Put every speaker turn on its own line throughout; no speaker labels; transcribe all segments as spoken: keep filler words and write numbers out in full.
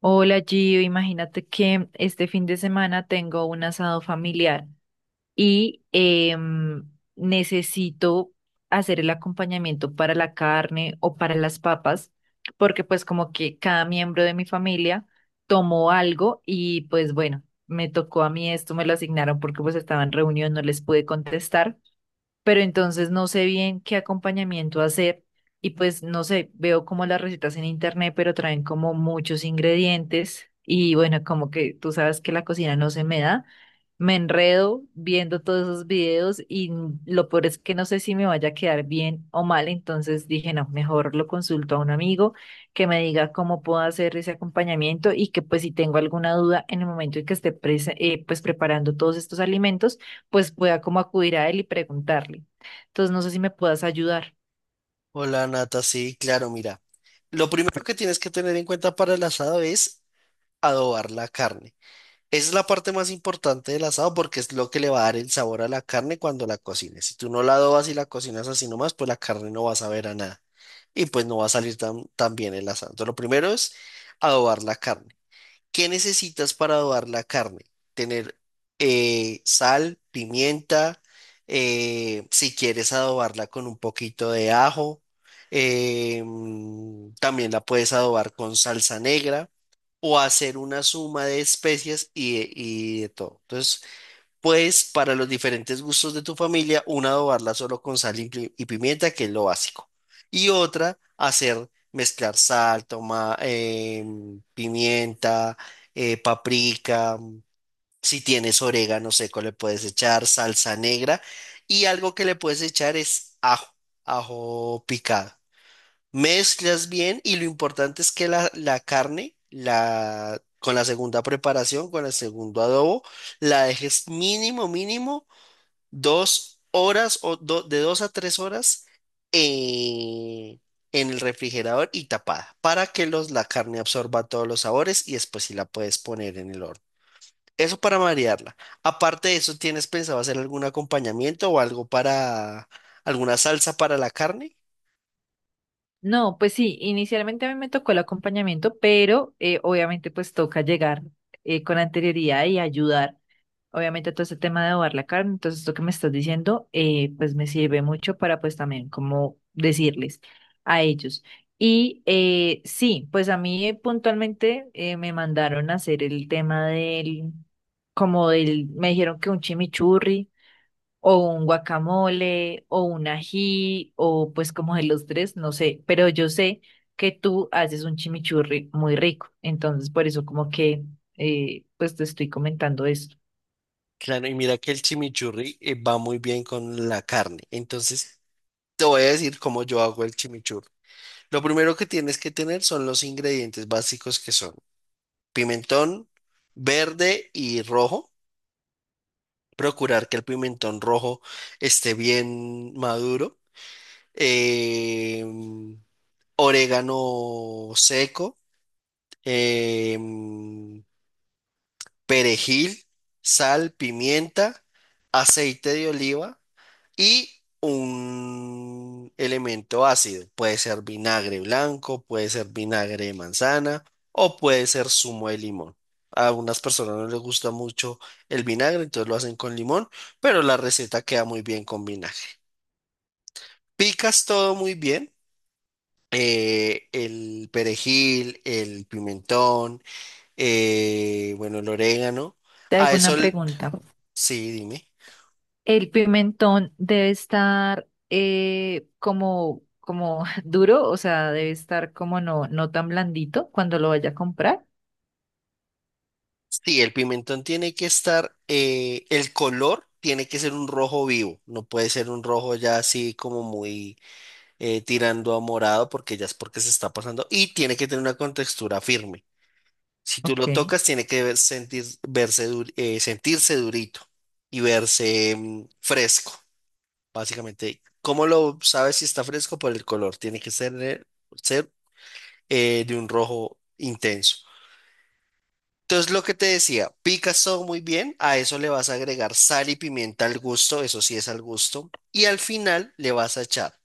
Hola Gio, imagínate que este fin de semana tengo un asado familiar y em, necesito hacer el acompañamiento para la carne o para las papas, porque pues como que cada miembro de mi familia tomó algo y pues bueno, me tocó a mí esto, me lo asignaron porque pues estaba en reunión, no les pude contestar pero entonces no sé bien qué acompañamiento hacer y pues no sé, veo como las recetas en internet, pero traen como muchos ingredientes y bueno, como que tú sabes que la cocina no se me da, me enredo viendo todos esos videos y lo peor es que no sé si me vaya a quedar bien o mal, entonces dije, no, mejor lo consulto a un amigo que me diga cómo puedo hacer ese acompañamiento y que pues si tengo alguna duda en el momento en que esté prese- eh, pues preparando todos estos alimentos, pues pueda como acudir a él y preguntarle. Entonces, no sé si me puedas ayudar.
Hola Nata, sí, claro, mira. Lo primero que tienes que tener en cuenta para el asado es adobar la carne. Esa es la parte más importante del asado porque es lo que le va a dar el sabor a la carne cuando la cocines. Si tú no la adobas y la cocinas así nomás, pues la carne no va a saber a nada y pues no va a salir tan, tan bien el asado. Entonces, lo primero es adobar la carne. ¿Qué necesitas para adobar la carne? Tener eh, sal, pimienta, eh, si quieres adobarla con un poquito de ajo, eh, mm, también la puedes adobar con salsa negra o hacer una suma de especias y de, y de todo. Entonces, pues para los diferentes gustos de tu familia, una adobarla solo con sal y pi- y pimienta, que es lo básico. Y otra, hacer mezclar sal, toma, em, pimienta, eh, paprika, si tienes orégano seco le puedes echar, salsa negra y algo que le puedes echar es ajo, ajo picado. Mezclas bien y lo importante es que la, la carne, la, con la segunda preparación, con el segundo adobo, la dejes mínimo, mínimo dos horas o do- de dos a tres horas eh, en el refrigerador y tapada para que los, la carne absorba todos los sabores y después sí la puedes poner en el horno. Eso para marearla. Aparte de eso, ¿tienes pensado hacer algún acompañamiento o algo para alguna salsa para la carne?
No, pues sí, inicialmente a mí me tocó el acompañamiento, pero eh, obviamente pues toca llegar eh, con anterioridad y ayudar. Obviamente todo este tema de adobar la carne, entonces esto que me estás diciendo, eh, pues me sirve mucho para pues también como decirles a ellos. Y eh, sí, pues a mí eh, puntualmente eh, me mandaron a hacer el tema del, como del, me dijeron que un chimichurri o un guacamole, o un ají, o pues como de los tres, no sé, pero yo sé que tú haces un chimichurri muy rico, entonces por eso como que eh, pues te estoy comentando esto.
Claro, y mira que el chimichurri eh, va muy bien con la carne. Entonces, te voy a decir cómo yo hago el chimichurri. Lo primero que tienes que tener son los ingredientes básicos que son pimentón verde y rojo. Procurar que el pimentón rojo esté bien maduro. Em, Orégano seco, em, perejil, sal, pimienta, aceite de oliva y un elemento ácido. Puede ser vinagre blanco, puede ser vinagre de manzana o puede ser zumo de limón. A unas personas no les gusta mucho el vinagre, entonces lo hacen con limón, pero la receta queda muy bien con vinagre. Picas todo muy bien. eh, el perejil, el pimentón, eh, bueno, el orégano.
Te
A
hago
eso,
una
el-
pregunta.
sí, dime.
¿El pimentón debe estar eh, como, como duro? O sea, debe estar como no, no tan blandito cuando lo vaya a comprar.
Sí, el pimentón tiene que estar, eh, el color tiene que ser un rojo vivo, no puede ser un rojo ya así como muy eh, tirando a morado porque ya es porque se está pasando y tiene que tener una contextura firme. Si tú
Ok.
lo
Si
tocas, tiene que ver- sentir, verse dur- eh, sentirse durito y verse mm, fresco, básicamente. ¿Cómo lo sabes si está fresco? Por el color, tiene que ser, eh, ser eh, de un rojo intenso. Entonces, lo que te decía, Picasso muy bien, a eso le vas a agregar sal y pimienta al gusto, eso sí es al gusto, y al final le vas a echar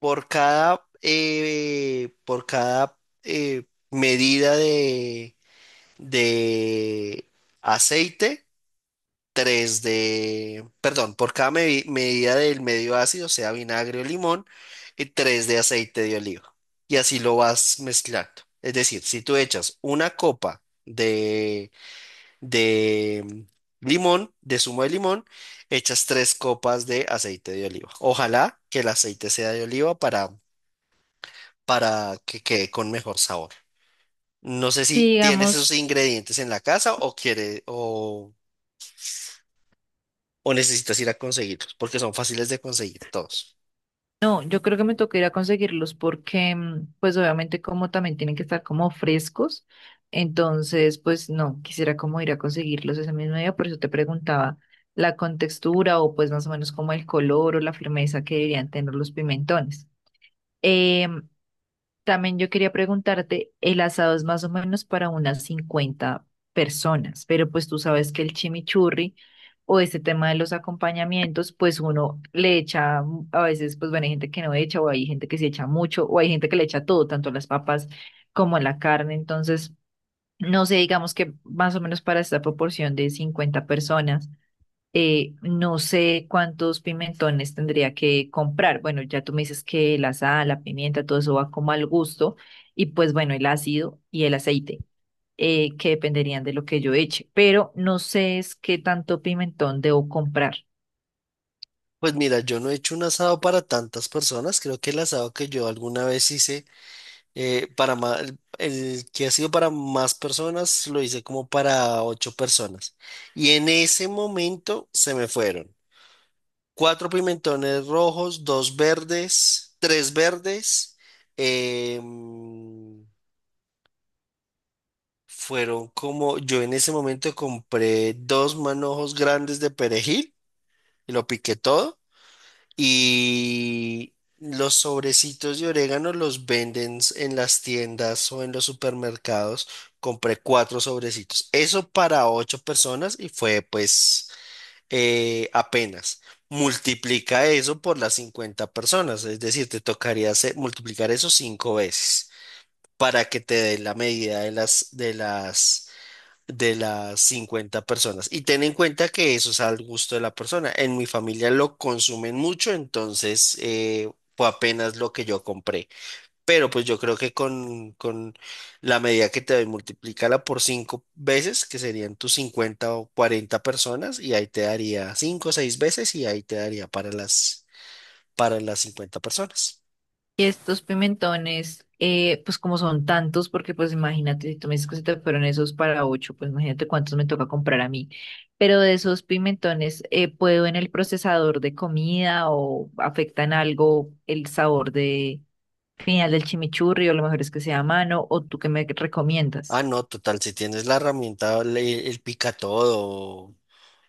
por cada, eh, por cada eh, medida de, de aceite, tres de, perdón, por cada medi- medida del medio ácido, sea vinagre o limón, y tres de aceite de oliva. Y así lo vas mezclando. Es decir, si tú echas una copa de mm, limón, de zumo de limón, echas tres copas de aceite de oliva. Ojalá que el aceite sea de oliva para, para que quede con mejor sabor. No sé si tienes esos
digamos.
ingredientes en la casa o quiere o, o necesitas ir a conseguirlos, porque son fáciles de conseguir todos.
No, yo creo que me toca ir a conseguirlos porque, mm, pues obviamente como también tienen que estar como frescos, entonces pues no, quisiera como ir a conseguirlos ese mismo día, por eso te preguntaba la contextura o pues más o menos como el color o la firmeza que deberían tener los pimentones. Em, también yo quería preguntarte, el asado es más o menos para unas cincuenta personas, pero pues tú sabes que el chimichurri o este tema de los acompañamientos, pues uno le echa, mm, a veces pues bueno, hay gente que no echa o hay gente que se echa mucho o hay gente que le echa todo, tanto las papas como la carne, entonces no sé, digamos que más o menos para esta proporción de cincuenta personas eh, no sé cuántos pimentones tendría que comprar. Bueno, ya tú me dices que la sal, la pimienta, todo eso va como al gusto. Y pues bueno, el ácido y el aceite, eh, que dependerían de lo que yo eche. Pero no sé es qué tanto pimentón debo comprar.
Pues mira, yo no he hecho un asado para tantas personas. Creo que el asado que yo alguna vez hice Eh, para ma- el, el que ha sido para más personas, lo hice como para ocho personas. Y en ese momento se me fueron cuatro pimentones rojos, dos verdes, tres verdes. em, fueron como, yo en ese momento compré dos manojos grandes de perejil y lo piqué todo. Y los sobrecitos de orégano los venden en las tiendas o en los supermercados. Compré cuatro sobrecitos. Eso para ocho personas y fue pues eh, apenas. Multiplica eso por las cincuenta personas, es decir, te tocaría hacer- multiplicar eso cinco veces para que te dé la medida de las, de las de las cincuenta personas. Y ten en cuenta que eso es al gusto de la persona. En mi familia lo consumen mucho, entonces eh, fue apenas lo que yo compré. Pero pues yo creo que con, con la medida que te doy, multiplícala por cinco veces, que serían tus cincuenta o cuarenta personas, y ahí te daría cinco o seis veces y ahí te daría para las, para las cincuenta personas.
Y estos pimentones, eh, pues como son tantos, porque pues imagínate, si tú me dices que se te fueron esos para ocho, pues imagínate cuántos me toca comprar a mí. Pero de esos pimentones, eh, ¿puedo en el procesador de comida o afectan algo el sabor de final del chimichurri o lo mejor es que sea a mano o tú qué me
Ah,
recomiendas?
no, total, si tienes la herramienta, le- el, pica todo,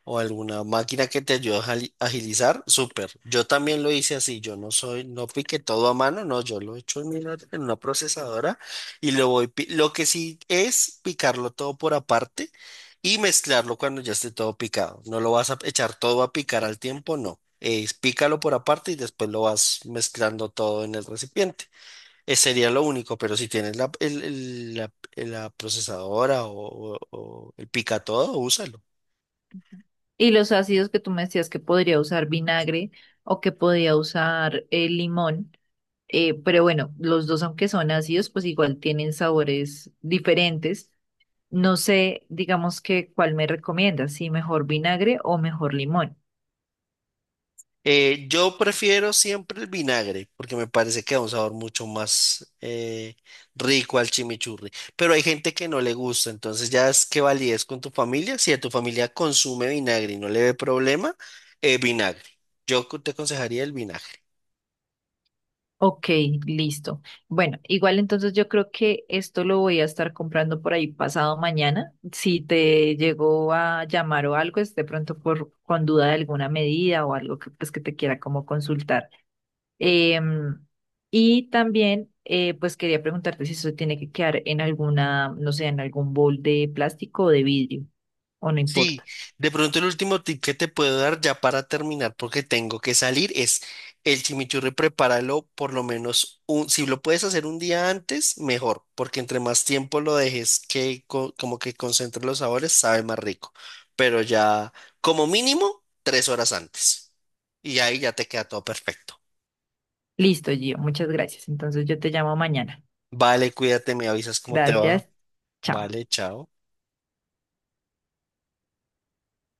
o alguna máquina que te ayude a jali- agilizar, súper. Yo también lo hice así, yo no soy, no piqué todo a mano, no, yo lo he hecho en una, en una procesadora y lo voy, pi- lo que sí es picarlo todo por aparte y mezclarlo cuando ya esté todo picado. No lo vas a echar todo a picar al tiempo, no. Es pícalo por aparte y después lo vas mezclando todo en el recipiente. Ese sería lo único, pero si tienes la, el- el- la, la procesadora o, o o el pica todo, úsalo.
Y los ácidos que tú me decías que podría usar vinagre o que podría usar eh, limón. Eh, pero bueno, los dos, aunque son ácidos, pues igual tienen sabores diferentes. No sé, digamos que cuál me recomiendas, si mejor vinagre o mejor limón.
Eh, yo prefiero siempre el vinagre porque me parece que da un sabor mucho más eh, rico al chimichurri. Pero hay gente que no le gusta, entonces ya es que validez con tu familia. Si a tu familia consume vinagre y no le ve problema, eh, vinagre. Yo co- te aconsejaría el vinagre.
Ok, listo. Bueno, igual entonces yo creo que esto lo voy a estar comprando por ahí pasado mañana. Si te llegó a llamar o algo, es de pronto por con duda de alguna medida o algo que pues que te quiera como consultar. Em, y también, eh, pues quería preguntarte si eso tiene que quedar en alguna, no sé, en algún bol de plástico o de vidrio, o no
Sí,
importa.
de pronto el último tip que te puedo dar ya para terminar, porque tengo que salir, es el chimichurri, prepáralo por lo menos un, si lo puedes hacer un día antes, mejor, porque entre más tiempo lo dejes que co- como que concentre los sabores, sabe más rico. Pero ya, como mínimo, tres horas antes. Y ahí ya te queda todo perfecto.
Listo, Gio, muchas gracias. Entonces yo te llamo mañana.
Vale, cuídate, me avisas cómo te va.
Gracias. Chao.
Vale, chao.